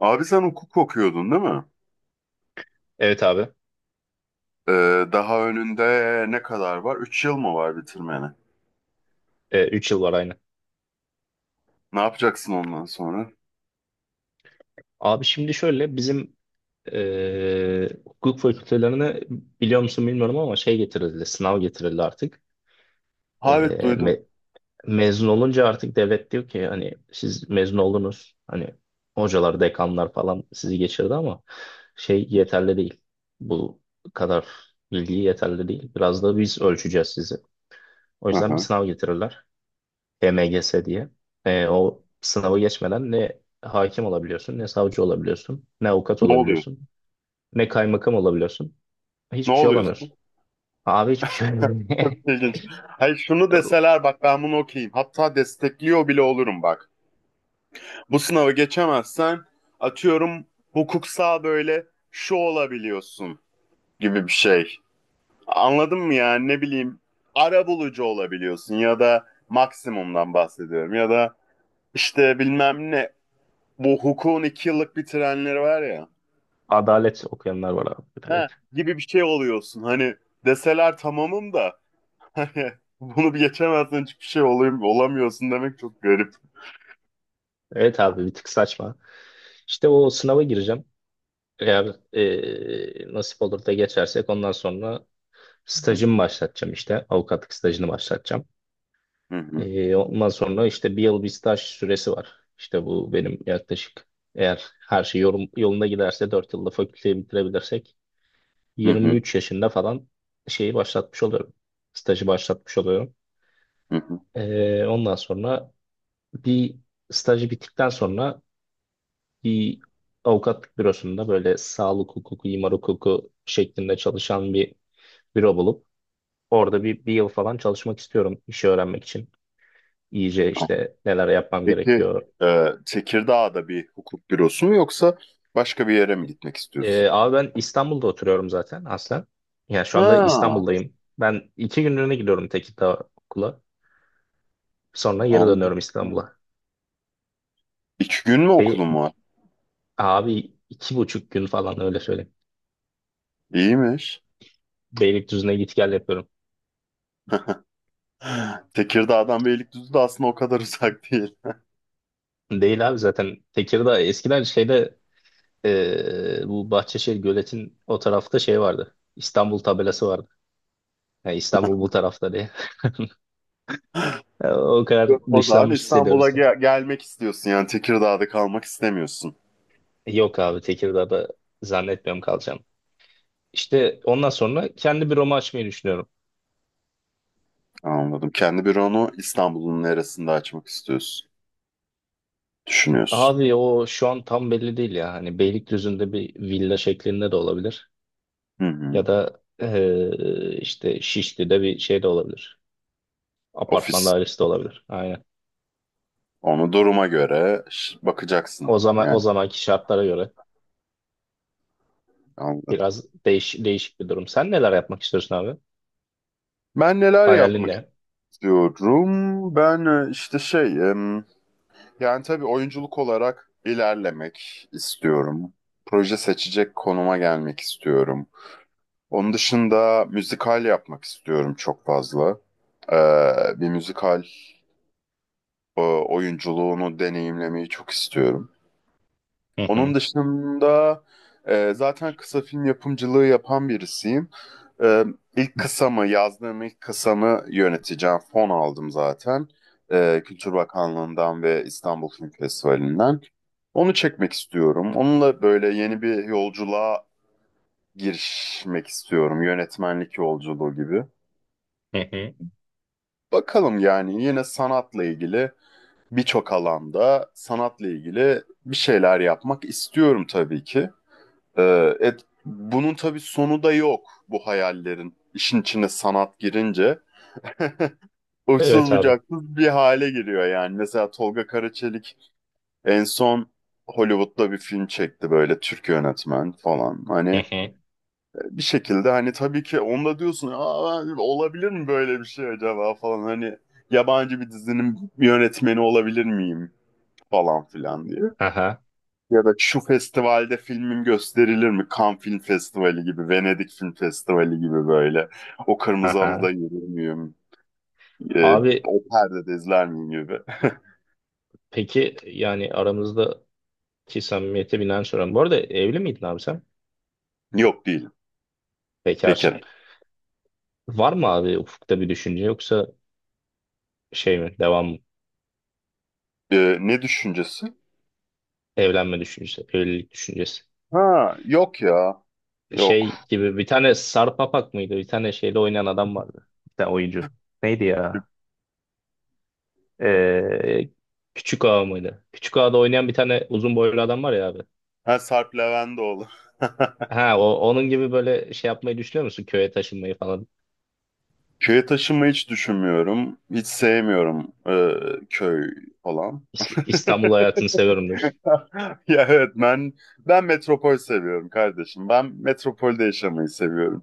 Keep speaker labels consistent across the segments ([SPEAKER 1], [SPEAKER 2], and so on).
[SPEAKER 1] Abi sen hukuk okuyordun değil mi?
[SPEAKER 2] Evet abi.
[SPEAKER 1] Daha önünde ne kadar var? 3 yıl mı var bitirmeni?
[SPEAKER 2] Üç yıl var aynı.
[SPEAKER 1] Ne yapacaksın ondan sonra?
[SPEAKER 2] Abi şimdi şöyle bizim hukuk fakültelerine biliyor musun bilmiyorum ama şey getirildi. Sınav getirildi artık.
[SPEAKER 1] Ha, evet,
[SPEAKER 2] E,
[SPEAKER 1] duydum.
[SPEAKER 2] me- mezun olunca artık devlet diyor ki hani siz mezun oldunuz. Hani hocalar, dekanlar falan sizi geçirdi ama şey yeterli değil. Bu kadar bilgi yeterli değil. Biraz da biz ölçeceğiz sizi. O
[SPEAKER 1] Hı
[SPEAKER 2] yüzden bir
[SPEAKER 1] hı.
[SPEAKER 2] sınav getirirler. EMGS diye. O sınavı geçmeden ne hakim olabiliyorsun, ne savcı olabiliyorsun, ne avukat
[SPEAKER 1] Ne oluyor?
[SPEAKER 2] olabiliyorsun, ne kaymakam olabiliyorsun.
[SPEAKER 1] Ne
[SPEAKER 2] Hiçbir şey
[SPEAKER 1] oluyorsun?
[SPEAKER 2] olamıyorsun. Abi hiçbir şey olamıyor.
[SPEAKER 1] Çok İlginç. Hayır, şunu deseler, bak, ben bunu okuyayım. Hatta destekliyor bile olurum, bak. Bu sınavı geçemezsen, atıyorum, hukuksal böyle şu olabiliyorsun gibi bir şey. Anladın mı yani? Ne bileyim, arabulucu olabiliyorsun ya da maksimumdan bahsediyorum ya da işte bilmem ne, bu hukukun iki yıllık bir trenleri var ya.
[SPEAKER 2] Adalet okuyanlar var abi.
[SPEAKER 1] He,
[SPEAKER 2] Evet.
[SPEAKER 1] gibi bir şey oluyorsun. Hani deseler tamamım da, hani bunu bir geçemezsen hiçbir şey olayım, olamıyorsun demek çok garip.
[SPEAKER 2] Evet abi bir tık saçma. İşte o sınava gireceğim. Eğer nasip olur da geçersek ondan sonra
[SPEAKER 1] Hı
[SPEAKER 2] stajımı başlatacağım işte. Avukatlık stajını başlatacağım.
[SPEAKER 1] hı,
[SPEAKER 2] Ondan sonra işte bir yıl bir staj süresi var. İşte bu benim yaklaşık eğer her şey yolunda giderse 4 yılda fakülteyi bitirebilirsek
[SPEAKER 1] hı hı,
[SPEAKER 2] 23 yaşında falan şeyi başlatmış oluyorum. Stajı başlatmış oluyorum.
[SPEAKER 1] hı hı.
[SPEAKER 2] Ondan sonra bir stajı bittikten sonra bir avukatlık bürosunda böyle sağlık hukuku, imar hukuku şeklinde çalışan bir büro bulup orada bir yıl falan çalışmak istiyorum işi öğrenmek için. İyice işte neler yapmam
[SPEAKER 1] Peki,
[SPEAKER 2] gerekiyor.
[SPEAKER 1] Tekirdağ'da bir hukuk bürosu mu yoksa başka bir yere mi gitmek istiyorsun?
[SPEAKER 2] Abi ben İstanbul'da oturuyorum zaten aslen. Yani şu anda
[SPEAKER 1] Ha,
[SPEAKER 2] İstanbul'dayım. Ben 2 günlüğüne gidiyorum Tekirdağ okula. Sonra geri
[SPEAKER 1] anladım.
[SPEAKER 2] dönüyorum İstanbul'a.
[SPEAKER 1] İki gün mü
[SPEAKER 2] Be
[SPEAKER 1] okulun var?
[SPEAKER 2] abi 2,5 gün falan öyle söyleyeyim.
[SPEAKER 1] İyiymiş.
[SPEAKER 2] Beylikdüzü'ne git gel yapıyorum.
[SPEAKER 1] Tekirdağ'dan Beylikdüzü de aslında o kadar uzak değil.
[SPEAKER 2] Değil abi zaten Tekirdağ eskiden şeyde bu Bahçeşehir Gölet'in o tarafta şey vardı. İstanbul tabelası vardı. Yani İstanbul bu tarafta diye. O kadar
[SPEAKER 1] O zaman
[SPEAKER 2] dışlanmış
[SPEAKER 1] İstanbul'a
[SPEAKER 2] hissediyoruz yani.
[SPEAKER 1] gelmek istiyorsun yani? Tekirdağ'da kalmak istemiyorsun.
[SPEAKER 2] Yok abi Tekirdağ'da zannetmiyorum kalacağım. İşte ondan sonra kendi büromu açmayı düşünüyorum.
[SPEAKER 1] Anladım. Kendi büronu İstanbul'un neresinde açmak istiyorsun? Düşünüyorsun.
[SPEAKER 2] Abi o şu an tam belli değil ya. Hani Beylikdüzü'nde bir villa şeklinde de olabilir.
[SPEAKER 1] Hı hı.
[SPEAKER 2] Ya da işte Şişli'de bir şey de olabilir. Apartman
[SPEAKER 1] Ofis.
[SPEAKER 2] dairesi de olabilir. Aynen.
[SPEAKER 1] Onu duruma göre bakacaksın
[SPEAKER 2] O zaman o
[SPEAKER 1] yani.
[SPEAKER 2] zamanki şartlara göre
[SPEAKER 1] Anladım.
[SPEAKER 2] biraz değişik bir durum. Sen neler yapmak istiyorsun abi?
[SPEAKER 1] Ben neler
[SPEAKER 2] Hayalin
[SPEAKER 1] yapmak
[SPEAKER 2] ne?
[SPEAKER 1] istiyorum? Ben işte şey, yani tabii oyunculuk olarak ilerlemek istiyorum. Proje seçecek konuma gelmek istiyorum. Onun dışında müzikal yapmak istiyorum çok fazla. Bir müzikal oyunculuğunu deneyimlemeyi çok istiyorum.
[SPEAKER 2] Hı
[SPEAKER 1] Onun
[SPEAKER 2] hı,
[SPEAKER 1] dışında zaten kısa film yapımcılığı yapan birisiyim. Ee, Yazdığım ilk kısamı yöneteceğim. Fon aldım zaten. Kültür Bakanlığı'ndan ve İstanbul Film Festivali'nden. Onu çekmek istiyorum. Onunla böyle yeni bir yolculuğa girişmek istiyorum. Yönetmenlik yolculuğu gibi.
[SPEAKER 2] hı hı.
[SPEAKER 1] Bakalım, yani yine sanatla ilgili, birçok alanda sanatla ilgili bir şeyler yapmak istiyorum tabii ki. Bunun tabii sonu da yok, bu hayallerin. İşin içine sanat girince uçsuz
[SPEAKER 2] Evet abi.
[SPEAKER 1] bucaksız bir hale giriyor yani. Mesela Tolga Karaçelik en son Hollywood'da bir film çekti, böyle Türk yönetmen falan.
[SPEAKER 2] Hı
[SPEAKER 1] Hani
[SPEAKER 2] hı.
[SPEAKER 1] bir şekilde, hani tabii ki onda diyorsun, aa, olabilir mi böyle bir şey acaba falan, hani yabancı bir dizinin yönetmeni olabilir miyim falan filan diye.
[SPEAKER 2] Aha,
[SPEAKER 1] Ya da şu festivalde filmim gösterilir mi? Cannes Film Festivali gibi, Venedik Film Festivali gibi, böyle. O kırmızı halıda
[SPEAKER 2] aha.
[SPEAKER 1] yürür müyüm? Ee,
[SPEAKER 2] Abi
[SPEAKER 1] O perdede izler miyim gibi.
[SPEAKER 2] peki yani aramızdaki samimiyete binaen soruyorum. Bu arada evli miydin abi sen?
[SPEAKER 1] Yok, değilim.
[SPEAKER 2] Bekarsın.
[SPEAKER 1] Bekarım.
[SPEAKER 2] Var mı abi ufukta bir düşünce yoksa şey mi devam mı?
[SPEAKER 1] Ne düşüncesi?
[SPEAKER 2] Evlenme düşüncesi, evlilik düşüncesi.
[SPEAKER 1] Ha, yok ya.
[SPEAKER 2] Şey
[SPEAKER 1] Yok.
[SPEAKER 2] gibi bir tane Sarp Apak mıydı? Bir tane şeyle oynayan adam vardı. Bir tane oyuncu. Neydi ya? Ee, Küçük Ağa mıydı? Küçük Ağa'da oynayan bir tane uzun boylu adam var ya abi.
[SPEAKER 1] Ha, Sarp Leventoğlu.
[SPEAKER 2] Ha onun gibi böyle şey yapmayı düşünüyor musun? Köye taşınmayı falan.
[SPEAKER 1] Köye taşınmayı hiç düşünmüyorum. Hiç sevmiyorum köy falan.
[SPEAKER 2] İstanbul hayatını seviyorum diyorsun.
[SPEAKER 1] Ya evet, ben metropol seviyorum kardeşim. Ben metropolde yaşamayı seviyorum.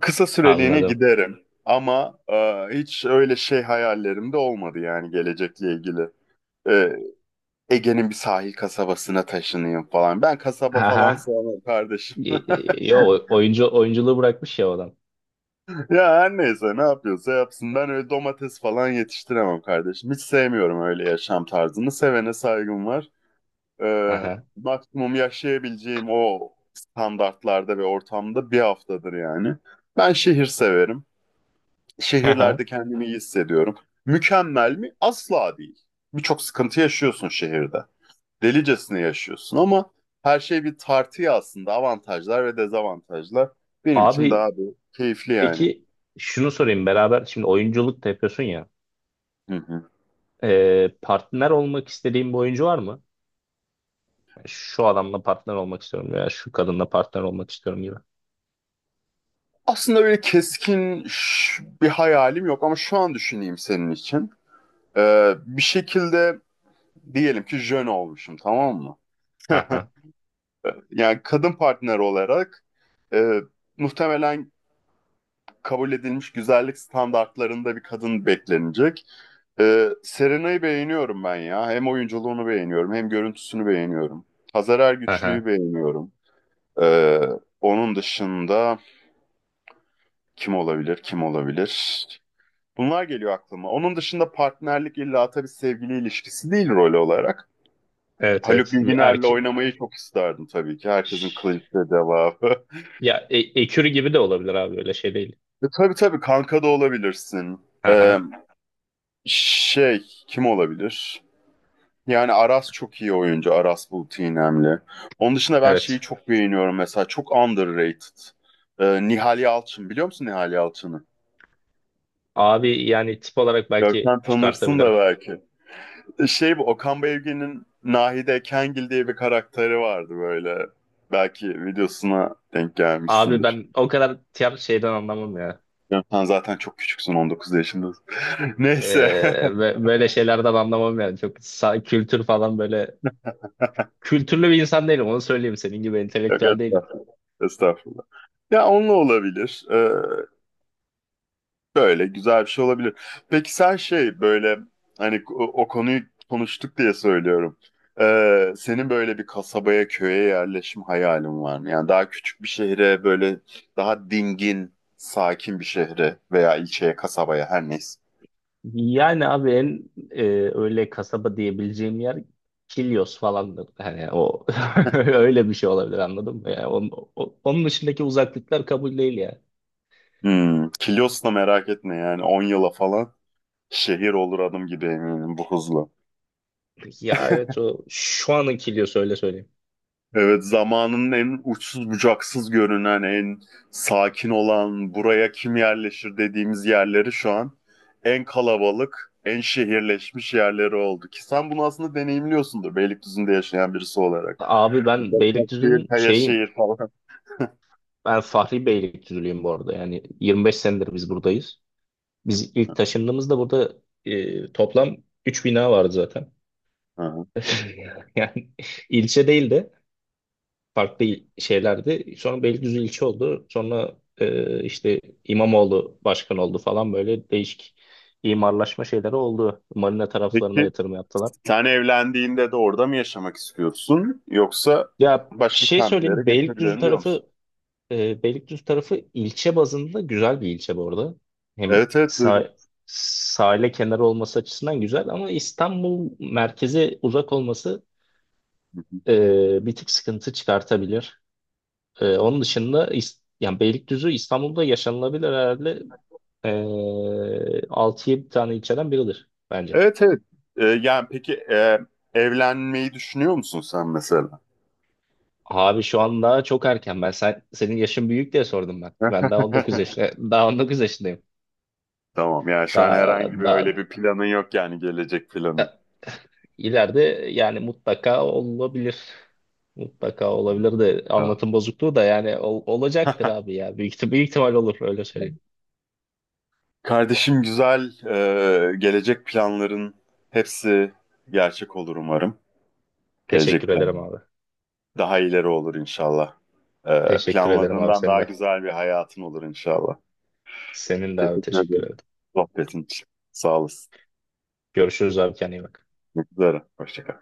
[SPEAKER 1] Kısa süreliğine
[SPEAKER 2] Anladım.
[SPEAKER 1] giderim ama hiç öyle şey hayallerim de olmadı yani, gelecekle ilgili. E, Ege'nin bir sahil kasabasına taşınayım falan. Ben kasaba falan
[SPEAKER 2] Aha.
[SPEAKER 1] sevmem kardeşim.
[SPEAKER 2] Yo oyunculuğu bırakmış ya o adam.
[SPEAKER 1] Ya her neyse, ne yapıyorsa yapsın. Ben öyle domates falan yetiştiremem kardeşim. Hiç sevmiyorum öyle yaşam tarzını. Sevene saygım var. Ee,
[SPEAKER 2] Aha.
[SPEAKER 1] Maksimum yaşayabileceğim o standartlarda ve ortamda bir haftadır yani. Ben şehir severim.
[SPEAKER 2] Aha.
[SPEAKER 1] Şehirlerde kendimi iyi hissediyorum. Mükemmel mi? Asla değil. Birçok sıkıntı yaşıyorsun şehirde. Delicesine yaşıyorsun ama her şey bir tartıya aslında. Avantajlar ve dezavantajlar. Benim için daha
[SPEAKER 2] Abi
[SPEAKER 1] bir keyifli yani.
[SPEAKER 2] peki şunu sorayım beraber şimdi oyunculuk da yapıyorsun ya.
[SPEAKER 1] Hı hı.
[SPEAKER 2] Partner olmak istediğin bir oyuncu var mı? Şu adamla partner olmak istiyorum veya şu kadınla partner olmak istiyorum gibi.
[SPEAKER 1] Aslında böyle keskin bir hayalim yok ama şu an düşüneyim senin için. Bir şekilde diyelim ki jön olmuşum, tamam mı?
[SPEAKER 2] Aha,
[SPEAKER 1] Yani kadın partner olarak e, muhtemelen kabul edilmiş güzellik standartlarında bir kadın beklenecek. Serena'yı beğeniyorum ben ya. Hem oyunculuğunu beğeniyorum, hem görüntüsünü beğeniyorum. Hazar Ergüçlü'yü
[SPEAKER 2] aha.
[SPEAKER 1] beğeniyorum. E, Onun dışında kim olabilir, kim olabilir? Bunlar geliyor aklıma. Onun dışında partnerlik illa tabii sevgili ilişkisi değil, rol olarak.
[SPEAKER 2] Evet
[SPEAKER 1] Haluk
[SPEAKER 2] evet bir
[SPEAKER 1] Bilginer'le
[SPEAKER 2] erke
[SPEAKER 1] oynamayı çok isterdim tabii ki. Herkesin clinch'te devamı.
[SPEAKER 2] ya ekürü gibi de olabilir abi öyle şey değil.
[SPEAKER 1] Tabii tabii, kanka da olabilirsin. Ee,
[SPEAKER 2] Aha,
[SPEAKER 1] Şey, kim olabilir? Yani Aras çok iyi oyuncu. Aras Bulut İynemli. Onun dışında ben şeyi
[SPEAKER 2] evet.
[SPEAKER 1] çok beğeniyorum mesela. Çok underrated. Nihal Yalçın. Biliyor musun Nihal Yalçın'ı?
[SPEAKER 2] Abi yani tip olarak belki
[SPEAKER 1] Görsen tanırsın da
[SPEAKER 2] çıkartabilirim.
[SPEAKER 1] belki. Şey, bu Okan Bayülgen'in Nahide Kengil diye bir karakteri vardı böyle. Belki videosuna denk
[SPEAKER 2] Abi
[SPEAKER 1] gelmişsindir.
[SPEAKER 2] ben o kadar tiyatro şeyden anlamam ya.
[SPEAKER 1] Ya sen zaten çok küçüksün, 19 yaşındasın.
[SPEAKER 2] Ee,
[SPEAKER 1] Neyse.
[SPEAKER 2] böyle şeylerden anlamam yani. Çok kültür falan böyle. Kültürlü bir insan değilim onu söyleyeyim. Senin gibi
[SPEAKER 1] Yok
[SPEAKER 2] entelektüel değilim.
[SPEAKER 1] estağfurullah. Estağfurullah. Ya, onunla olabilir. Şöyle güzel bir şey olabilir. Peki sen şey, böyle, hani o konuyu konuştuk diye söylüyorum. Senin böyle bir kasabaya, köye yerleşim hayalin var mı? Yani daha küçük bir şehre, böyle daha dingin, sakin bir şehre veya ilçeye, kasabaya, her neyse.
[SPEAKER 2] Yani abi en öyle kasaba diyebileceğim yer Kilyos falandır. Hani o öyle bir şey olabilir anladın mı? Yani onun dışındaki uzaklıklar kabul değil ya.
[SPEAKER 1] Hmm, Kilyos'la merak etme, yani 10 yıla falan şehir olur adım gibi eminim, bu hızla.
[SPEAKER 2] Ya evet o şu anın Kilyos öyle söyleyeyim.
[SPEAKER 1] Evet, zamanın en uçsuz bucaksız görünen, en sakin olan, buraya kim yerleşir dediğimiz yerleri şu an en kalabalık, en şehirleşmiş yerleri oldu. Ki sen bunu aslında deneyimliyorsundur Beylikdüzü'nde yaşayan birisi olarak.
[SPEAKER 2] Abi ben
[SPEAKER 1] Başakşehir,
[SPEAKER 2] Beylikdüzü'nün şeyim.
[SPEAKER 1] Kayaşehir falan.
[SPEAKER 2] Ben Fahri Beylikdüzülüyüm bu arada. Yani 25 senedir biz buradayız. Biz ilk taşındığımızda burada toplam 3 bina vardı zaten.
[SPEAKER 1] Hı hı.
[SPEAKER 2] Yani ilçe değildi. Farklı şeylerdi. Sonra Beylikdüzü ilçe oldu. Sonra işte İmamoğlu başkan oldu falan böyle değişik imarlaşma şeyleri oldu. Marina taraflarına
[SPEAKER 1] Peki
[SPEAKER 2] yatırım yaptılar.
[SPEAKER 1] sen evlendiğinde de orada mı yaşamak istiyorsun, yoksa
[SPEAKER 2] Ya bir
[SPEAKER 1] başka
[SPEAKER 2] şey
[SPEAKER 1] semtlere
[SPEAKER 2] söyleyeyim.
[SPEAKER 1] geçebilirim diyor musun?
[SPEAKER 2] Beylikdüzü tarafı ilçe bazında güzel bir ilçe bu arada. Hem
[SPEAKER 1] Evet, evet, duydum.
[SPEAKER 2] sahile kenarı olması açısından güzel ama İstanbul merkeze uzak olması
[SPEAKER 1] Hı hı.
[SPEAKER 2] bir tık sıkıntı çıkartabilir. Onun dışında yani Beylikdüzü İstanbul'da yaşanılabilir herhalde ee, 6'ya bir tane ilçeden biridir bence.
[SPEAKER 1] Evet, evet. Yani peki, evlenmeyi düşünüyor musun sen mesela?
[SPEAKER 2] Abi şu an daha çok erken. Ben senin yaşın büyük diye sordum ben. Ben daha 19 yaşında, daha 19 yaşındayım.
[SPEAKER 1] Tamam, yani şu an
[SPEAKER 2] Daha,
[SPEAKER 1] herhangi bir
[SPEAKER 2] daha,
[SPEAKER 1] öyle bir planın yok yani, gelecek planın.
[SPEAKER 2] da- ileride yani mutlaka olabilir. Mutlaka olabilir de
[SPEAKER 1] Tamam.
[SPEAKER 2] anlatım bozukluğu da yani olacaktır abi ya. Büyük ihtimal olur öyle söyleyeyim.
[SPEAKER 1] Kardeşim, güzel, gelecek planların hepsi gerçek olur umarım. Gelecek
[SPEAKER 2] Teşekkür
[SPEAKER 1] plan
[SPEAKER 2] ederim abi.
[SPEAKER 1] daha ileri olur inşallah.
[SPEAKER 2] Teşekkür ederim abi
[SPEAKER 1] Planladığından
[SPEAKER 2] senin
[SPEAKER 1] daha
[SPEAKER 2] de.
[SPEAKER 1] güzel bir hayatın olur inşallah.
[SPEAKER 2] Senin de abi
[SPEAKER 1] Teşekkür
[SPEAKER 2] teşekkür
[SPEAKER 1] ederim
[SPEAKER 2] ederim.
[SPEAKER 1] sohbetin için. Sağ olasın.
[SPEAKER 2] Görüşürüz abi kendine iyi bak.
[SPEAKER 1] Görüşmek üzere. Hoşça kal.